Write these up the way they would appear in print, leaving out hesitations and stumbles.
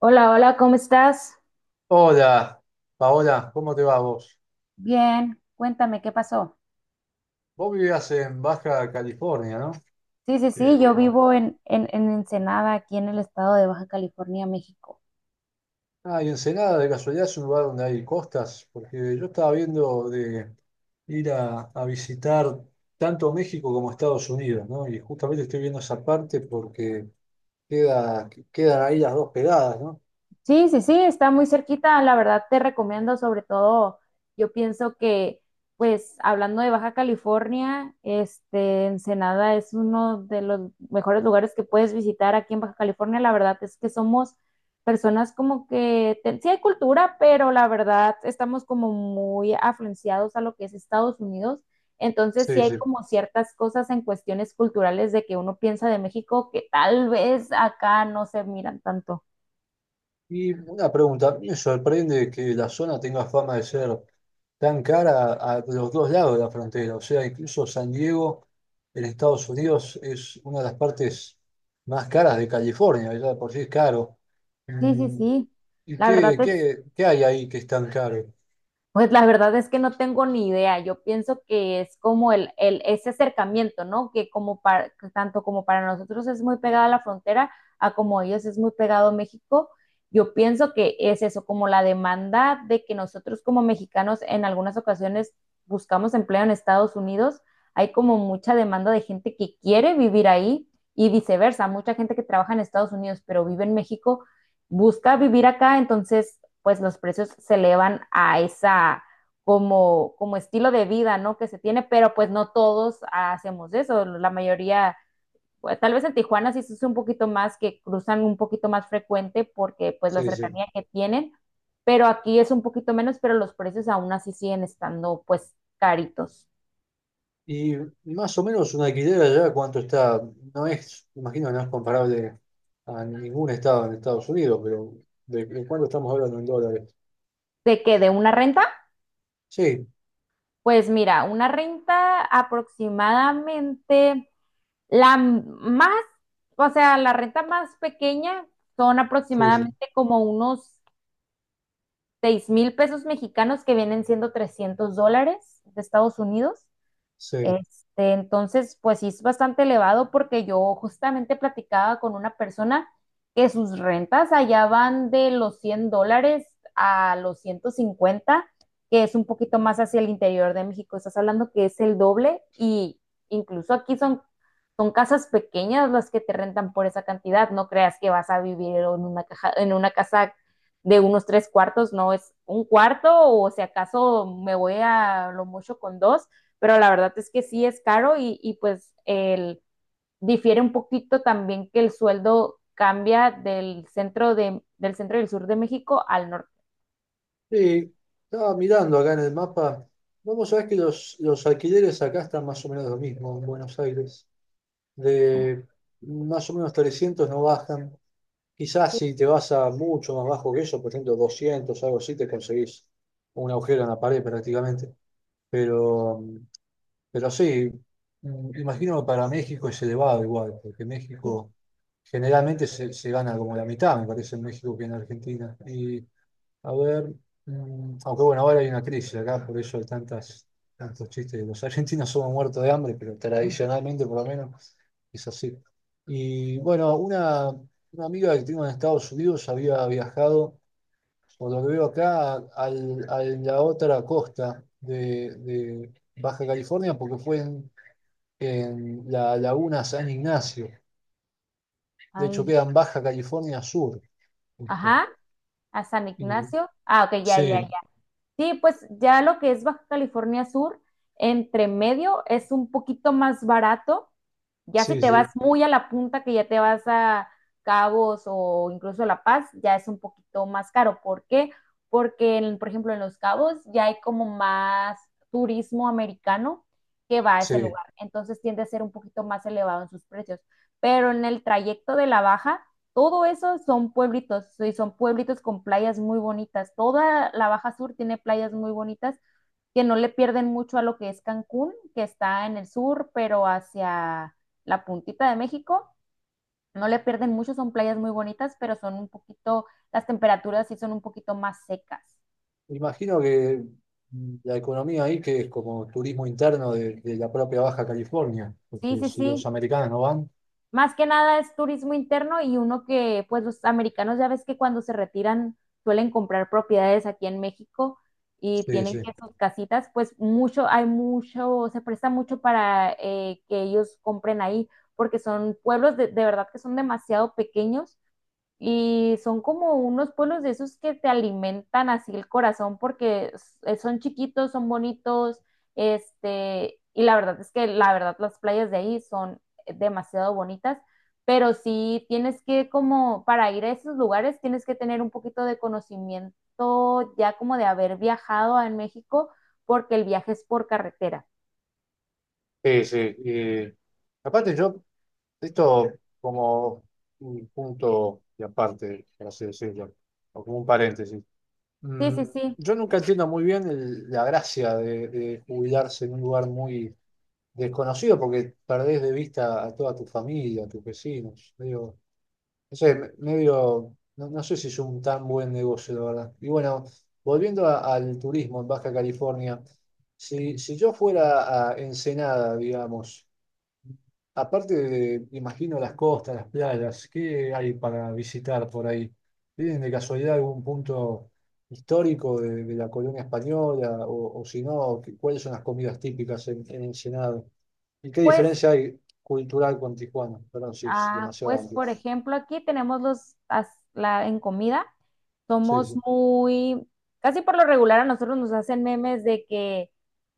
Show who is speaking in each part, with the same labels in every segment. Speaker 1: Hola, hola, ¿cómo estás?
Speaker 2: Hola, Paola, ¿cómo te va vos?
Speaker 1: Bien, cuéntame qué pasó.
Speaker 2: Vos vivías en Baja California, ¿no?
Speaker 1: Sí, sí,
Speaker 2: Sí,
Speaker 1: sí, yo
Speaker 2: bastante.
Speaker 1: vivo en Ensenada, aquí en el estado de Baja California, México.
Speaker 2: Ah, y Ensenada, de casualidad, es un lugar donde hay costas, porque yo estaba viendo de ir a visitar tanto México como Estados Unidos, ¿no? Y justamente estoy viendo esa parte porque quedan ahí las dos pegadas, ¿no?
Speaker 1: Sí, sí, sí, está muy cerquita. La verdad te recomiendo, sobre todo, yo pienso que, pues, hablando de Baja California, Ensenada es uno de los mejores lugares que puedes visitar aquí en Baja California. La verdad es que somos personas como que, sí hay cultura, pero la verdad estamos como muy afluenciados a lo que es Estados Unidos. Entonces, sí
Speaker 2: Sí,
Speaker 1: hay
Speaker 2: sí.
Speaker 1: como ciertas cosas en cuestiones culturales de que uno piensa de México que tal vez acá no se miran tanto.
Speaker 2: Y una pregunta, me sorprende que la zona tenga fama de ser tan cara a los dos lados de la frontera. O sea, incluso San Diego en Estados Unidos es una de las partes más caras de California, ya de por sí es caro.
Speaker 1: Sí, sí,
Speaker 2: Mm,
Speaker 1: sí.
Speaker 2: ¿Y
Speaker 1: La verdad
Speaker 2: qué,
Speaker 1: es,
Speaker 2: qué, qué hay ahí que es tan caro?
Speaker 1: pues la verdad es que no tengo ni idea. Yo pienso que es como el ese acercamiento, ¿no? Que como para, que tanto como para nosotros es muy pegada la frontera, a como ellos es muy pegado México. Yo pienso que es eso, como la demanda de que nosotros como mexicanos en algunas ocasiones buscamos empleo en Estados Unidos. Hay como mucha demanda de gente que quiere vivir ahí y viceversa. Mucha gente que trabaja en Estados Unidos pero vive en México busca vivir acá, entonces pues los precios se elevan a esa como, como estilo de vida, ¿no? Que se tiene, pero pues no todos hacemos eso, la mayoría, pues, tal vez en Tijuana sí es un poquito más, que cruzan un poquito más frecuente porque pues la
Speaker 2: Sí, sí.
Speaker 1: cercanía que tienen, pero aquí es un poquito menos, pero los precios aún así siguen estando pues caritos.
Speaker 2: Y más o menos un alquiler allá, ¿cuánto está? Imagino, no es comparable a ningún estado en Estados Unidos, pero ¿de cuánto estamos hablando en dólares?
Speaker 1: ¿De qué? ¿De una renta?
Speaker 2: Sí,
Speaker 1: Pues mira, una renta aproximadamente. La más, o sea, la renta más pequeña son
Speaker 2: sí, sí.
Speaker 1: aproximadamente como unos 6.000 pesos mexicanos que vienen siendo 300 dólares de Estados Unidos.
Speaker 2: Sí.
Speaker 1: Este, entonces, pues sí es bastante elevado porque yo justamente platicaba con una persona que sus rentas allá van de los 100 dólares a los 150, que es un poquito más hacia el interior de México. Estás hablando que es el doble y incluso aquí son casas pequeñas las que te rentan por esa cantidad. No creas que vas a vivir en una, caja, en una casa de unos tres cuartos, no es un cuarto o si acaso me voy a lo mucho con dos, pero la verdad es que sí es caro y pues el, difiere un poquito también que el sueldo cambia del centro, del centro y del sur de México al norte.
Speaker 2: Sí, estaba mirando acá en el mapa. Vamos a ver que los alquileres acá están más o menos lo mismo en Buenos Aires. De más o menos 300 no bajan. Quizás si te vas a mucho más bajo que eso, por ejemplo 200 algo así, te conseguís un agujero en la pared prácticamente. Pero, pero sí, imagino que para México es elevado igual, porque
Speaker 1: Sí.
Speaker 2: México generalmente se gana como la mitad, me parece, en México que en Argentina. Y a ver, aunque bueno, ahora hay una crisis acá, por eso hay tantos chistes. Los argentinos somos muertos de hambre, pero tradicionalmente por lo menos es así. Y bueno, una amiga que tengo en Estados Unidos había viajado, por lo que veo acá, a la otra costa de Baja California, porque fue en la laguna San Ignacio. De hecho,
Speaker 1: Ay,
Speaker 2: queda en Baja California Sur. ¿Viste?
Speaker 1: ajá, a San
Speaker 2: Y-
Speaker 1: Ignacio. Ah, ok, ya, ya,
Speaker 2: sí,
Speaker 1: ya. Sí, pues ya lo que es Baja California Sur, entre medio es un poquito más barato. Ya si
Speaker 2: sí,
Speaker 1: te vas
Speaker 2: sí,
Speaker 1: muy a la punta, que ya te vas a Cabos o incluso La Paz, ya es un poquito más caro. ¿Por qué? Porque, por ejemplo, en Los Cabos ya hay como más turismo americano que va a ese
Speaker 2: sí.
Speaker 1: lugar. Entonces tiende a ser un poquito más elevado en sus precios. Pero en el trayecto de la Baja todo eso son pueblitos, y son pueblitos con playas muy bonitas. Toda la Baja Sur tiene playas muy bonitas que no le pierden mucho a lo que es Cancún, que está en el sur, pero hacia la puntita de México. No le pierden mucho, son playas muy bonitas, pero son un poquito, las temperaturas sí son un poquito más secas.
Speaker 2: Imagino que la economía ahí, que es como turismo interno de la propia Baja California,
Speaker 1: Sí,
Speaker 2: porque
Speaker 1: sí,
Speaker 2: si los
Speaker 1: sí.
Speaker 2: americanos no van,
Speaker 1: Más que nada es turismo interno y uno que, pues los americanos ya ves que cuando se retiran suelen comprar propiedades aquí en México y
Speaker 2: sí,
Speaker 1: tienen
Speaker 2: sí.
Speaker 1: que sus casitas, pues mucho, hay mucho, se presta mucho para que ellos compren ahí, porque son pueblos de verdad que son demasiado pequeños y son como unos pueblos de esos que te alimentan así el corazón porque son chiquitos, son bonitos, y la verdad es que la verdad las playas de ahí son demasiado bonitas, pero sí tienes que como para ir a esos lugares tienes que tener un poquito de conocimiento ya como de haber viajado a México porque el viaje es por carretera.
Speaker 2: Sí, sí, eh, aparte yo, esto como un punto y aparte, por así decirlo, o como un paréntesis.
Speaker 1: Sí,
Speaker 2: Mm,
Speaker 1: sí, sí.
Speaker 2: yo nunca entiendo muy bien la gracia de jubilarse en un lugar muy desconocido, porque perdés de vista a toda tu familia, a tus vecinos. Digo, no sé, medio, no sé si es un tan buen negocio, la verdad. Y bueno, volviendo al turismo en Baja California, si yo fuera a Ensenada, digamos, aparte de, imagino, las costas, las playas, ¿qué hay para visitar por ahí? ¿Tienen de casualidad algún punto histórico de la colonia española? O si no, ¿cuáles son las comidas típicas en Ensenada? ¿Y qué
Speaker 1: Pues
Speaker 2: diferencia hay cultural con Tijuana? Perdón, sí, es
Speaker 1: ah,
Speaker 2: demasiado
Speaker 1: pues
Speaker 2: amplio.
Speaker 1: por ejemplo, aquí tenemos los, la, en comida,
Speaker 2: Sí,
Speaker 1: somos
Speaker 2: sí,
Speaker 1: muy, casi por lo regular a nosotros nos hacen memes de que,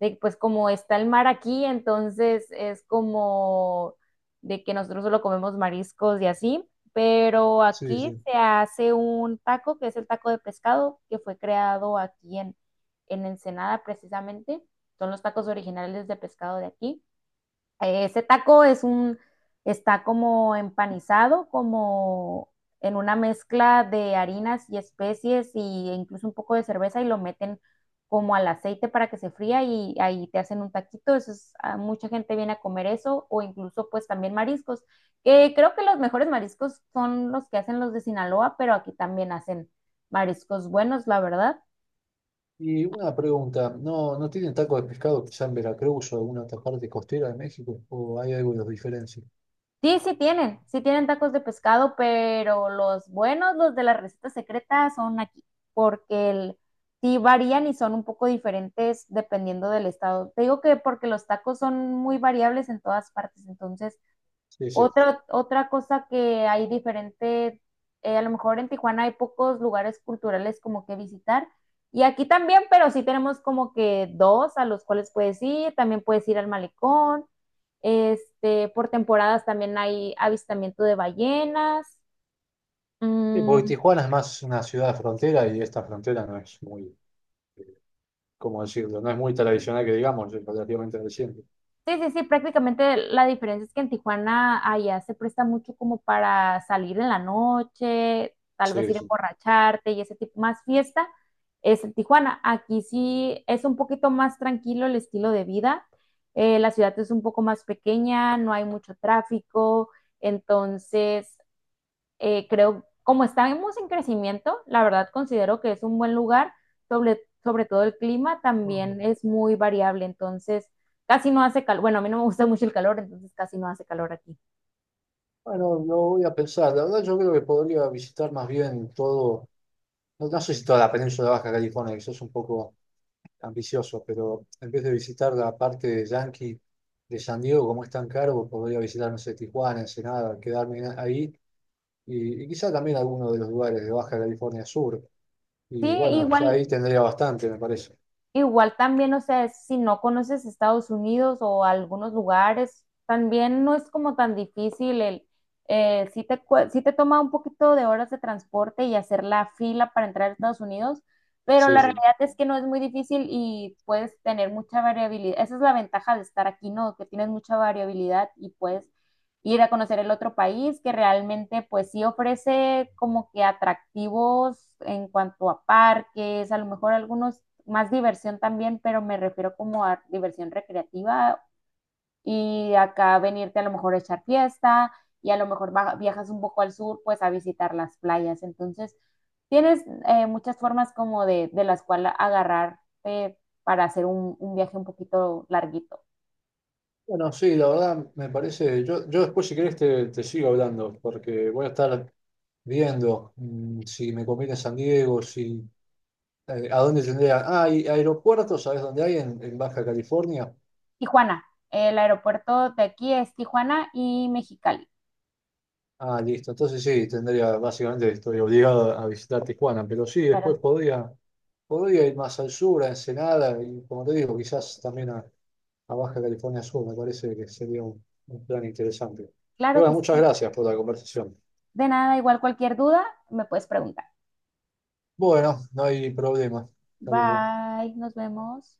Speaker 1: de pues como está el mar aquí, entonces es como de que nosotros solo comemos mariscos y así, pero
Speaker 2: sí,
Speaker 1: aquí
Speaker 2: sí.
Speaker 1: se hace un taco que es el taco de pescado que fue creado aquí en Ensenada precisamente, son los tacos originales de pescado de aquí. Ese taco es un, está como empanizado, como en una mezcla de harinas y especies e incluso un poco de cerveza y lo meten como al aceite para que se fría y ahí te hacen un taquito. Eso es, a mucha gente viene a comer eso o incluso pues también mariscos, que creo que los mejores mariscos son los que hacen los de Sinaloa, pero aquí también hacen mariscos buenos, la verdad.
Speaker 2: Y una pregunta, ¿no, no tienen tacos de pescado quizá en Veracruz o alguna otra parte costera de México? ¿O hay algo que los diferencia?
Speaker 1: Sí, sí tienen tacos de pescado, pero los buenos, los de la receta secreta, son aquí, porque el, sí varían y son un poco diferentes dependiendo del estado. Te digo que porque los tacos son muy variables en todas partes, entonces
Speaker 2: Sí, sí.
Speaker 1: otra cosa que hay diferente, a lo mejor en Tijuana hay pocos lugares culturales como que visitar. Y aquí también, pero sí tenemos como que dos a los cuales puedes ir. También puedes ir al malecón. Por temporadas también hay avistamiento de ballenas.
Speaker 2: Sí, porque
Speaker 1: mm,
Speaker 2: Tijuana es más una ciudad de frontera y esta frontera no es muy, eh, ¿cómo decirlo? No es muy tradicional que digamos, es relativamente reciente.
Speaker 1: Sí, sí, sí, prácticamente la diferencia es que en Tijuana allá se presta mucho como para salir en la noche, tal vez
Speaker 2: Sí,
Speaker 1: ir a
Speaker 2: sí.
Speaker 1: emborracharte y ese tipo, más fiesta es en Tijuana. Aquí sí es un poquito más tranquilo el estilo de vida. La ciudad es un poco más pequeña, no hay mucho tráfico, entonces creo, como estamos en crecimiento, la verdad considero que es un buen lugar, sobre, sobre todo el clima
Speaker 2: Ah.
Speaker 1: también es muy variable, entonces casi no hace calor, bueno, a mí no me gusta mucho el calor, entonces casi no hace calor aquí.
Speaker 2: Bueno, lo voy a pensar. La verdad yo creo que podría visitar más bien todo, no sé si toda la península de Baja California, quizás un poco ambicioso, pero en vez de visitar la parte de Yankee de San Diego, como es tan caro, podría visitar, no sé, Tijuana, Ensenada, quedarme ahí y quizá también alguno de los lugares de Baja California Sur. Y
Speaker 1: Sí,
Speaker 2: bueno, ya
Speaker 1: igual,
Speaker 2: ahí tendría bastante, me parece.
Speaker 1: igual también, o sea, si no conoces Estados Unidos o algunos lugares, también no es como tan difícil el, sí te, sí te toma un poquito de horas de transporte y hacer la fila para entrar a Estados Unidos, pero
Speaker 2: Sí,
Speaker 1: la
Speaker 2: sí.
Speaker 1: realidad es que no es muy difícil y puedes tener mucha variabilidad. Esa es la ventaja de estar aquí, ¿no? Que tienes mucha variabilidad y puedes ir a conocer el otro país que realmente pues sí ofrece como que atractivos en cuanto a parques, a lo mejor algunos más diversión también, pero me refiero como a diversión recreativa y acá venirte a lo mejor a echar fiesta y a lo mejor viajas un poco al sur pues a visitar las playas. Entonces, tienes muchas formas como de las cuales agarrarte para hacer un viaje un poquito larguito.
Speaker 2: Bueno, sí, la verdad me parece, yo después si querés te sigo hablando, porque voy a estar viendo si me conviene San Diego, si a dónde tendría... Ah, ¿hay aeropuertos, ¿sabes dónde hay en Baja California?
Speaker 1: Tijuana, el aeropuerto de aquí es Tijuana y Mexicali.
Speaker 2: Ah, listo. Entonces sí, tendría, básicamente estoy obligado a visitar Tijuana, pero sí, después
Speaker 1: Claro,
Speaker 2: podría, podría ir más al sur, a Ensenada, y como te digo, quizás también a Baja California Sur, me parece que sería un plan interesante. Y
Speaker 1: claro
Speaker 2: bueno,
Speaker 1: que
Speaker 2: muchas
Speaker 1: sí.
Speaker 2: gracias por la conversación.
Speaker 1: De nada, igual cualquier duda me puedes preguntar.
Speaker 2: Bueno, no hay problema. Saludos.
Speaker 1: Bye, nos vemos.